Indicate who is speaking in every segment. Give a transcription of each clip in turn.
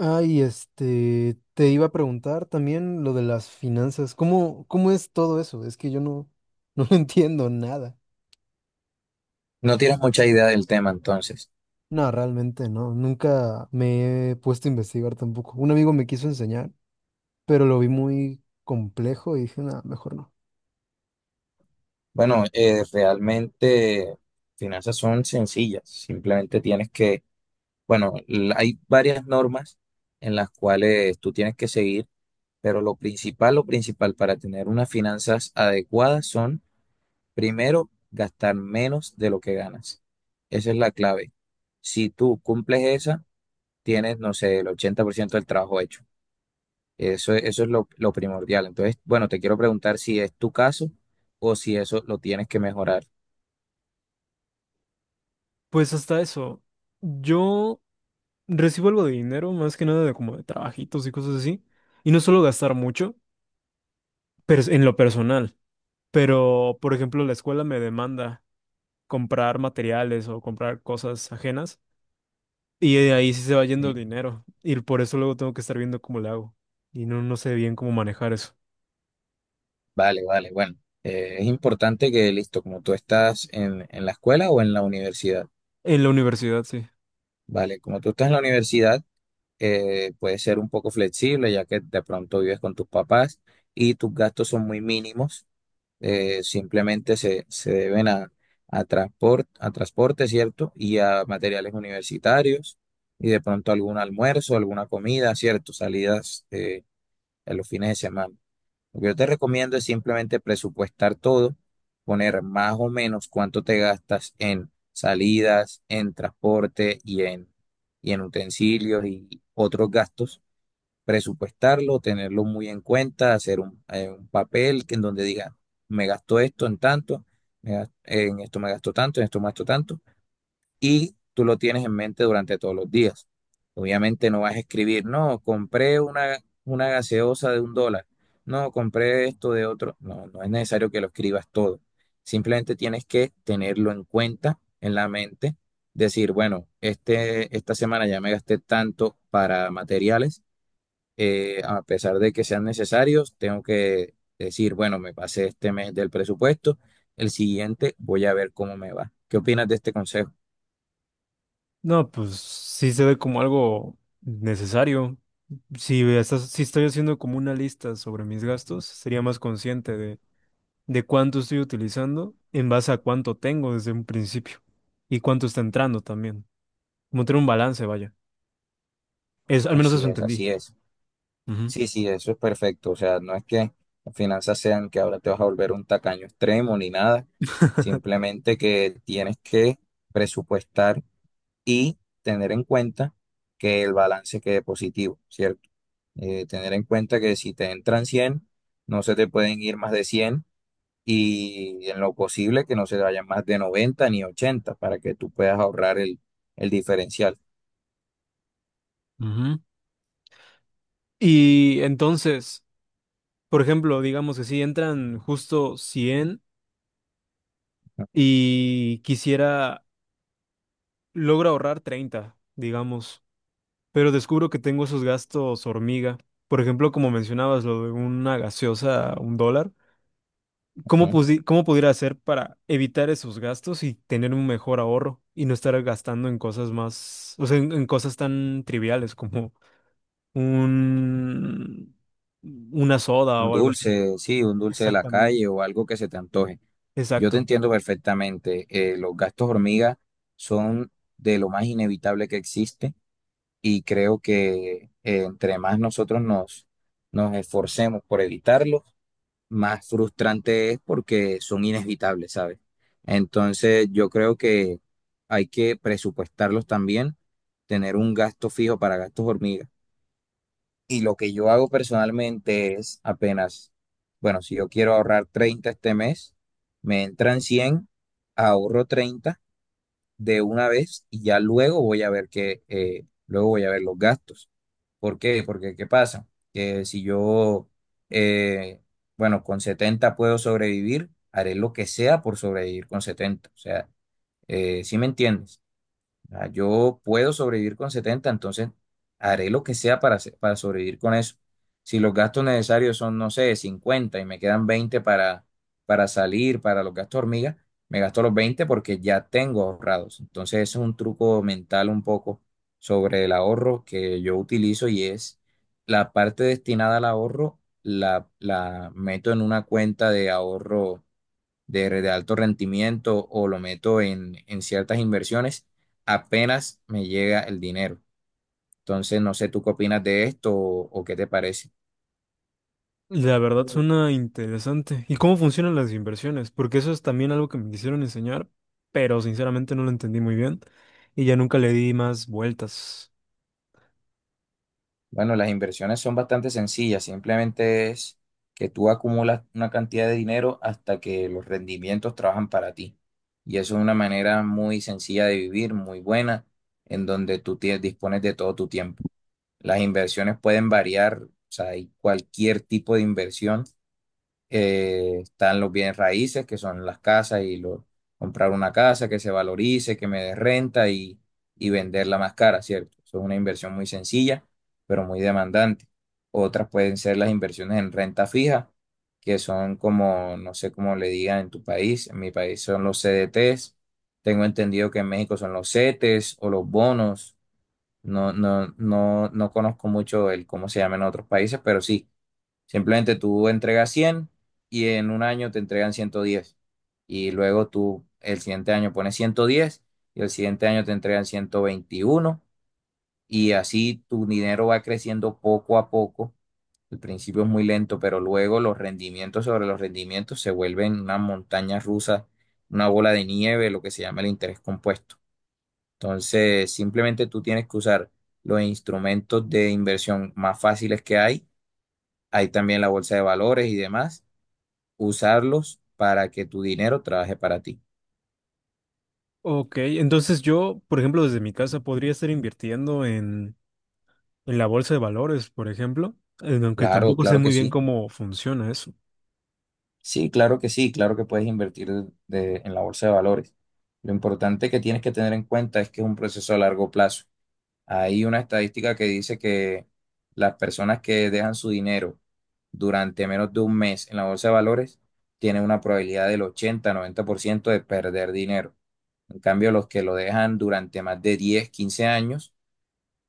Speaker 1: Ay, te iba a preguntar también lo de las finanzas. ¿Cómo es todo eso? Es que yo no, no entiendo nada.
Speaker 2: No tienes mucha idea del tema, entonces.
Speaker 1: No, realmente no. Nunca me he puesto a investigar tampoco. Un amigo me quiso enseñar, pero lo vi muy complejo y dije, nada, mejor no.
Speaker 2: Bueno, realmente finanzas son sencillas. Simplemente tienes que, bueno, hay varias normas en las cuales tú tienes que seguir, pero lo principal para tener unas finanzas adecuadas son, primero, gastar menos de lo que ganas. Esa es la clave. Si tú cumples esa, tienes, no sé, el 80% del trabajo hecho. Eso es lo primordial. Entonces, bueno, te quiero preguntar si es tu caso o si eso lo tienes que mejorar.
Speaker 1: Pues hasta eso. Yo recibo algo de dinero, más que nada de como de trabajitos y cosas así. Y no suelo gastar mucho, pero en lo personal. Pero, por ejemplo, la escuela me demanda. Comprar materiales o comprar cosas ajenas. Y de ahí sí se va yendo el
Speaker 2: ¿Sí?
Speaker 1: dinero. Y por eso luego tengo que estar viendo cómo lo hago. Y no, no sé bien cómo manejar eso.
Speaker 2: Vale, vale, bueno. Es importante que, listo, como tú estás en la escuela o en la universidad,
Speaker 1: En la universidad, sí.
Speaker 2: vale, como tú estás en la universidad, puedes ser un poco flexible ya que de pronto vives con tus papás y tus gastos son muy mínimos, simplemente se, se deben a transporte, ¿cierto? Y a materiales universitarios y de pronto algún almuerzo, alguna comida, ¿cierto? Salidas, en los fines de semana. Lo que yo te recomiendo es simplemente presupuestar todo, poner más o menos cuánto te gastas en salidas, en transporte y en utensilios y otros gastos presupuestarlo, tenerlo muy en cuenta, hacer un papel que en donde diga, me gastó esto en tanto, en esto me gastó tanto, en esto me gastó tanto, y tú lo tienes en mente durante todos los días. Obviamente no vas a escribir, no, compré una gaseosa de $1, no, compré esto de otro. No, no es necesario que lo escribas todo. Simplemente tienes que tenerlo en cuenta, en la mente, decir, bueno, esta semana ya me gasté tanto para materiales, a pesar de que sean necesarios, tengo que decir, bueno, me pasé este mes del presupuesto, el siguiente voy a ver cómo me va. ¿Qué opinas de este consejo?
Speaker 1: No, pues sí se ve como algo necesario. Si estoy haciendo como una lista sobre mis gastos, sería más consciente de cuánto estoy utilizando en base a cuánto tengo desde un principio. Y cuánto está entrando también. Como tener un balance, vaya. Es, al menos
Speaker 2: Así
Speaker 1: eso
Speaker 2: es,
Speaker 1: entendí.
Speaker 2: así es.
Speaker 1: Ujú,
Speaker 2: Sí, sí, eso es perfecto. O sea, no es que las finanzas sean que ahora te vas a volver un tacaño extremo ni nada, simplemente que tienes que presupuestar y tener en cuenta que el balance quede positivo, ¿cierto? Tener en cuenta que si te entran 100 no se te pueden ir más de 100 y en lo posible que no se vayan más de 90 ni 80 para que tú puedas ahorrar el diferencial.
Speaker 1: ujú. Y entonces, por ejemplo, digamos que si entran justo 100 y quisiera, logro ahorrar 30 digamos, pero descubro que tengo esos gastos hormiga. Por ejemplo, como mencionabas, lo de una gaseosa, $1. ¿Cómo,
Speaker 2: Ujú.
Speaker 1: pudi cómo pudiera hacer para evitar esos gastos y tener un mejor ahorro y no estar gastando en cosas más, o sea, en cosas tan triviales como un, una soda
Speaker 2: Un
Speaker 1: o algo así?
Speaker 2: dulce, sí, un dulce de la
Speaker 1: Exactamente.
Speaker 2: calle o algo que se te antoje. Yo te
Speaker 1: Exacto.
Speaker 2: entiendo perfectamente. Los gastos hormiga son de lo más inevitable que existe y creo que, entre más nosotros nos esforcemos por evitarlos, más frustrante es porque son inevitables, ¿sabes? Entonces, yo creo que hay que presupuestarlos también, tener un gasto fijo para gastos hormiga. Y lo que yo hago personalmente es apenas, bueno, si yo quiero ahorrar 30 este mes, me entran 100, ahorro 30 de una vez y ya luego voy a ver que, luego voy a ver los gastos. ¿Por qué? Porque, ¿qué pasa? Que si yo, eh, bueno, con 70 puedo sobrevivir, haré lo que sea por sobrevivir con 70. O sea, ¿sí me entiendes? Ah, yo puedo sobrevivir con 70, entonces haré lo que sea para sobrevivir con eso. Si los gastos necesarios son, no sé, 50 y me quedan 20 para salir, para los gastos hormigas, me gasto los 20 porque ya tengo ahorrados. Entonces ese es un truco mental un poco sobre el ahorro que yo utilizo y es la parte destinada al ahorro, la meto en una cuenta de ahorro de alto rendimiento o lo meto en ciertas inversiones, apenas me llega el dinero. Entonces, no sé tú qué opinas de esto o qué te parece.
Speaker 1: La verdad suena interesante. ¿Y cómo funcionan las inversiones? Porque eso es también algo que me quisieron enseñar, pero sinceramente no lo entendí muy bien y ya nunca le di más vueltas.
Speaker 2: Bueno, las inversiones son bastante sencillas, simplemente es que tú acumulas una cantidad de dinero hasta que los rendimientos trabajan para ti. Y eso es una manera muy sencilla de vivir, muy buena, en donde tú tienes, dispones de todo tu tiempo. Las inversiones pueden variar, o sea, hay cualquier tipo de inversión, están los bienes raíces, que son las casas y comprar una casa que se valorice, que me dé renta y venderla más cara, ¿cierto? Eso es una inversión muy sencilla, pero muy demandante. Otras pueden ser las inversiones en renta fija, que son como, no sé cómo le digan en tu país, en mi país son los CDTs, tengo entendido que en México son los CETES o los bonos. No, no, no, no conozco mucho el cómo se llama en otros países, pero sí. Simplemente tú entregas 100 y en un año te entregan 110. Y luego tú el siguiente año pones 110 y el siguiente año te entregan 121. Y así tu dinero va creciendo poco a poco. El principio es muy lento, pero luego los rendimientos sobre los rendimientos se vuelven una montaña rusa, una bola de nieve, lo que se llama el interés compuesto. Entonces, simplemente tú tienes que usar los instrumentos de inversión más fáciles que hay. Hay también la bolsa de valores y demás, usarlos para que tu dinero trabaje para ti.
Speaker 1: Ok, entonces yo, por ejemplo, desde mi casa podría estar invirtiendo en la bolsa de valores, por ejemplo, aunque
Speaker 2: Claro,
Speaker 1: tampoco sé
Speaker 2: claro que
Speaker 1: muy bien
Speaker 2: sí.
Speaker 1: cómo funciona eso.
Speaker 2: Sí, claro que puedes invertir, en la bolsa de valores. Lo importante que tienes que tener en cuenta es que es un proceso a largo plazo. Hay una estadística que dice que las personas que dejan su dinero durante menos de un mes en la bolsa de valores tienen una probabilidad del 80, 90% de perder dinero. En cambio, los que lo dejan durante más de 10, 15 años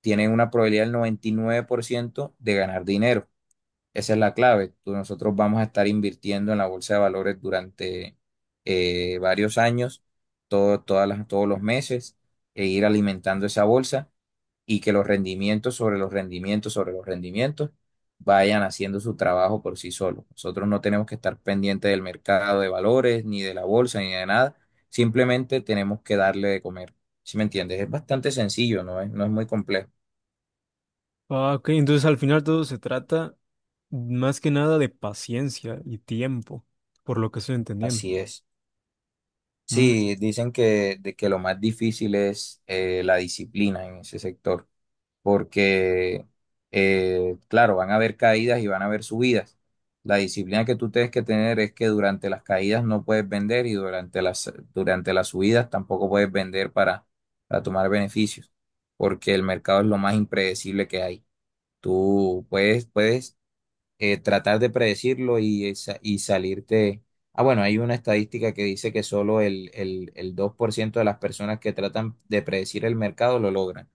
Speaker 2: tienen una probabilidad del 99% de ganar dinero. Esa es la clave. Nosotros vamos a estar invirtiendo en la bolsa de valores durante, varios años, todos los meses, e ir alimentando esa bolsa y que los rendimientos sobre los rendimientos sobre los rendimientos vayan haciendo su trabajo por sí solos. Nosotros no tenemos que estar pendientes del mercado de valores, ni de la bolsa, ni de nada. Simplemente tenemos que darle de comer. ¿Sí me entiendes? Es bastante sencillo, no es muy complejo.
Speaker 1: Ah, ok, entonces al final todo se trata más que nada de paciencia y tiempo, por lo que estoy entendiendo.
Speaker 2: Así es.
Speaker 1: Mm.
Speaker 2: Sí, dicen que lo más difícil es, la disciplina en ese sector, porque, claro, van a haber caídas y van a haber subidas. La disciplina que tú tienes que tener es que durante las caídas no puedes vender y durante las subidas tampoco puedes vender para tomar beneficios, porque el mercado es lo más impredecible que hay. Tú puedes, tratar de predecirlo y salirte. Ah, bueno, hay una estadística que dice que solo el 2% de las personas que tratan de predecir el mercado lo logran,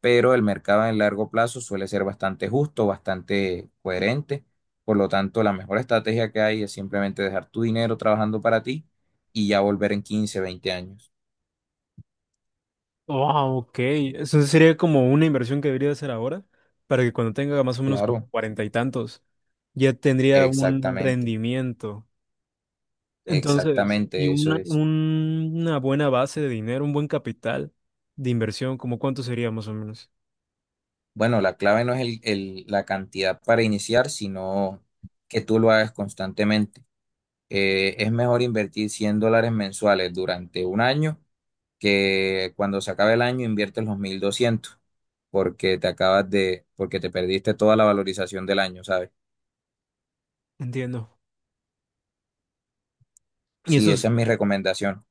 Speaker 2: pero el mercado en largo plazo suele ser bastante justo, bastante coherente. Por lo tanto, la mejor estrategia que hay es simplemente dejar tu dinero trabajando para ti y ya volver en 15 20 años.
Speaker 1: Wow, ok. Eso sería como una inversión que debería hacer ahora para que cuando tenga más o menos como
Speaker 2: Claro,
Speaker 1: cuarenta y tantos ya tendría un
Speaker 2: exactamente,
Speaker 1: rendimiento. Entonces, y
Speaker 2: exactamente, eso es.
Speaker 1: una buena base de dinero, un buen capital de inversión, como cuánto sería más o menos.
Speaker 2: Bueno, la clave no es la cantidad para iniciar, sino que tú lo hagas constantemente. Es mejor invertir $100 mensuales durante un año que cuando se acabe el año inviertes los 1,200 porque te perdiste toda la valorización del año, ¿sabes?
Speaker 1: Entiendo. Y
Speaker 2: Sí, esa
Speaker 1: esos,
Speaker 2: es mi recomendación.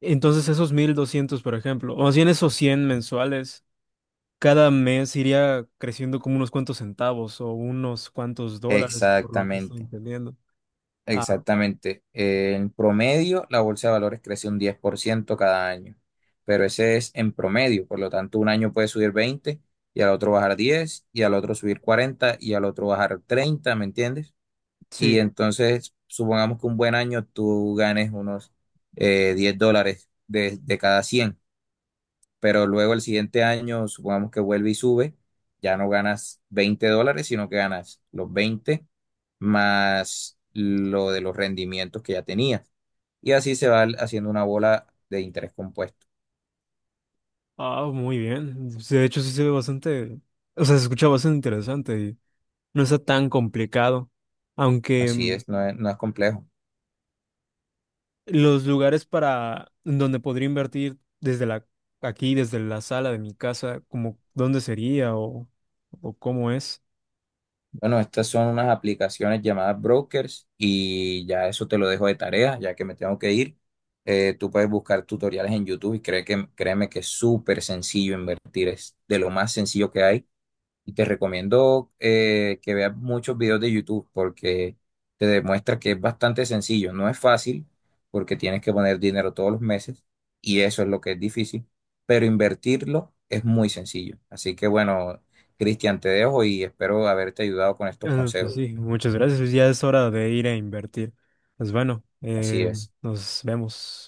Speaker 1: entonces esos 1,200, por ejemplo, o más bien esos 100 mensuales, cada mes iría creciendo como unos cuantos centavos o unos cuantos dólares, por lo que estoy
Speaker 2: Exactamente.
Speaker 1: entendiendo. Ah,
Speaker 2: Exactamente. En promedio, la bolsa de valores crece un 10% cada año, pero ese es en promedio. Por lo tanto, un año puede subir 20 y al otro bajar 10 y al otro subir 40 y al otro bajar 30, ¿me entiendes? Y
Speaker 1: sí.
Speaker 2: entonces, supongamos que un buen año tú ganes unos, $10 de cada 100, pero luego el siguiente año, supongamos que vuelve y sube, ya no ganas $20, sino que ganas los 20 más lo de los rendimientos que ya tenías. Y así se va haciendo una bola de interés compuesto.
Speaker 1: Ah, muy bien. Sí, de hecho, sí se ve bastante, o sea, se escucha bastante interesante y no está tan complicado, aunque
Speaker 2: Así es, no es complejo.
Speaker 1: los lugares para en donde podría invertir desde la aquí, desde la sala de mi casa, como dónde sería o cómo es.
Speaker 2: Bueno, estas son unas aplicaciones llamadas brokers y ya eso te lo dejo de tarea, ya que me tengo que ir. Tú puedes buscar tutoriales en YouTube, créeme que es súper sencillo invertir, es de lo más sencillo que hay. Y te recomiendo, que veas muchos videos de YouTube porque te demuestra que es bastante sencillo. No es fácil porque tienes que poner dinero todos los meses y eso es lo que es difícil, pero invertirlo es muy sencillo. Así que bueno, Cristian, te dejo y espero haberte ayudado con estos
Speaker 1: Pues
Speaker 2: consejos.
Speaker 1: sí, muchas gracias. Ya es hora de ir a invertir. Pues bueno,
Speaker 2: Así es.
Speaker 1: nos vemos.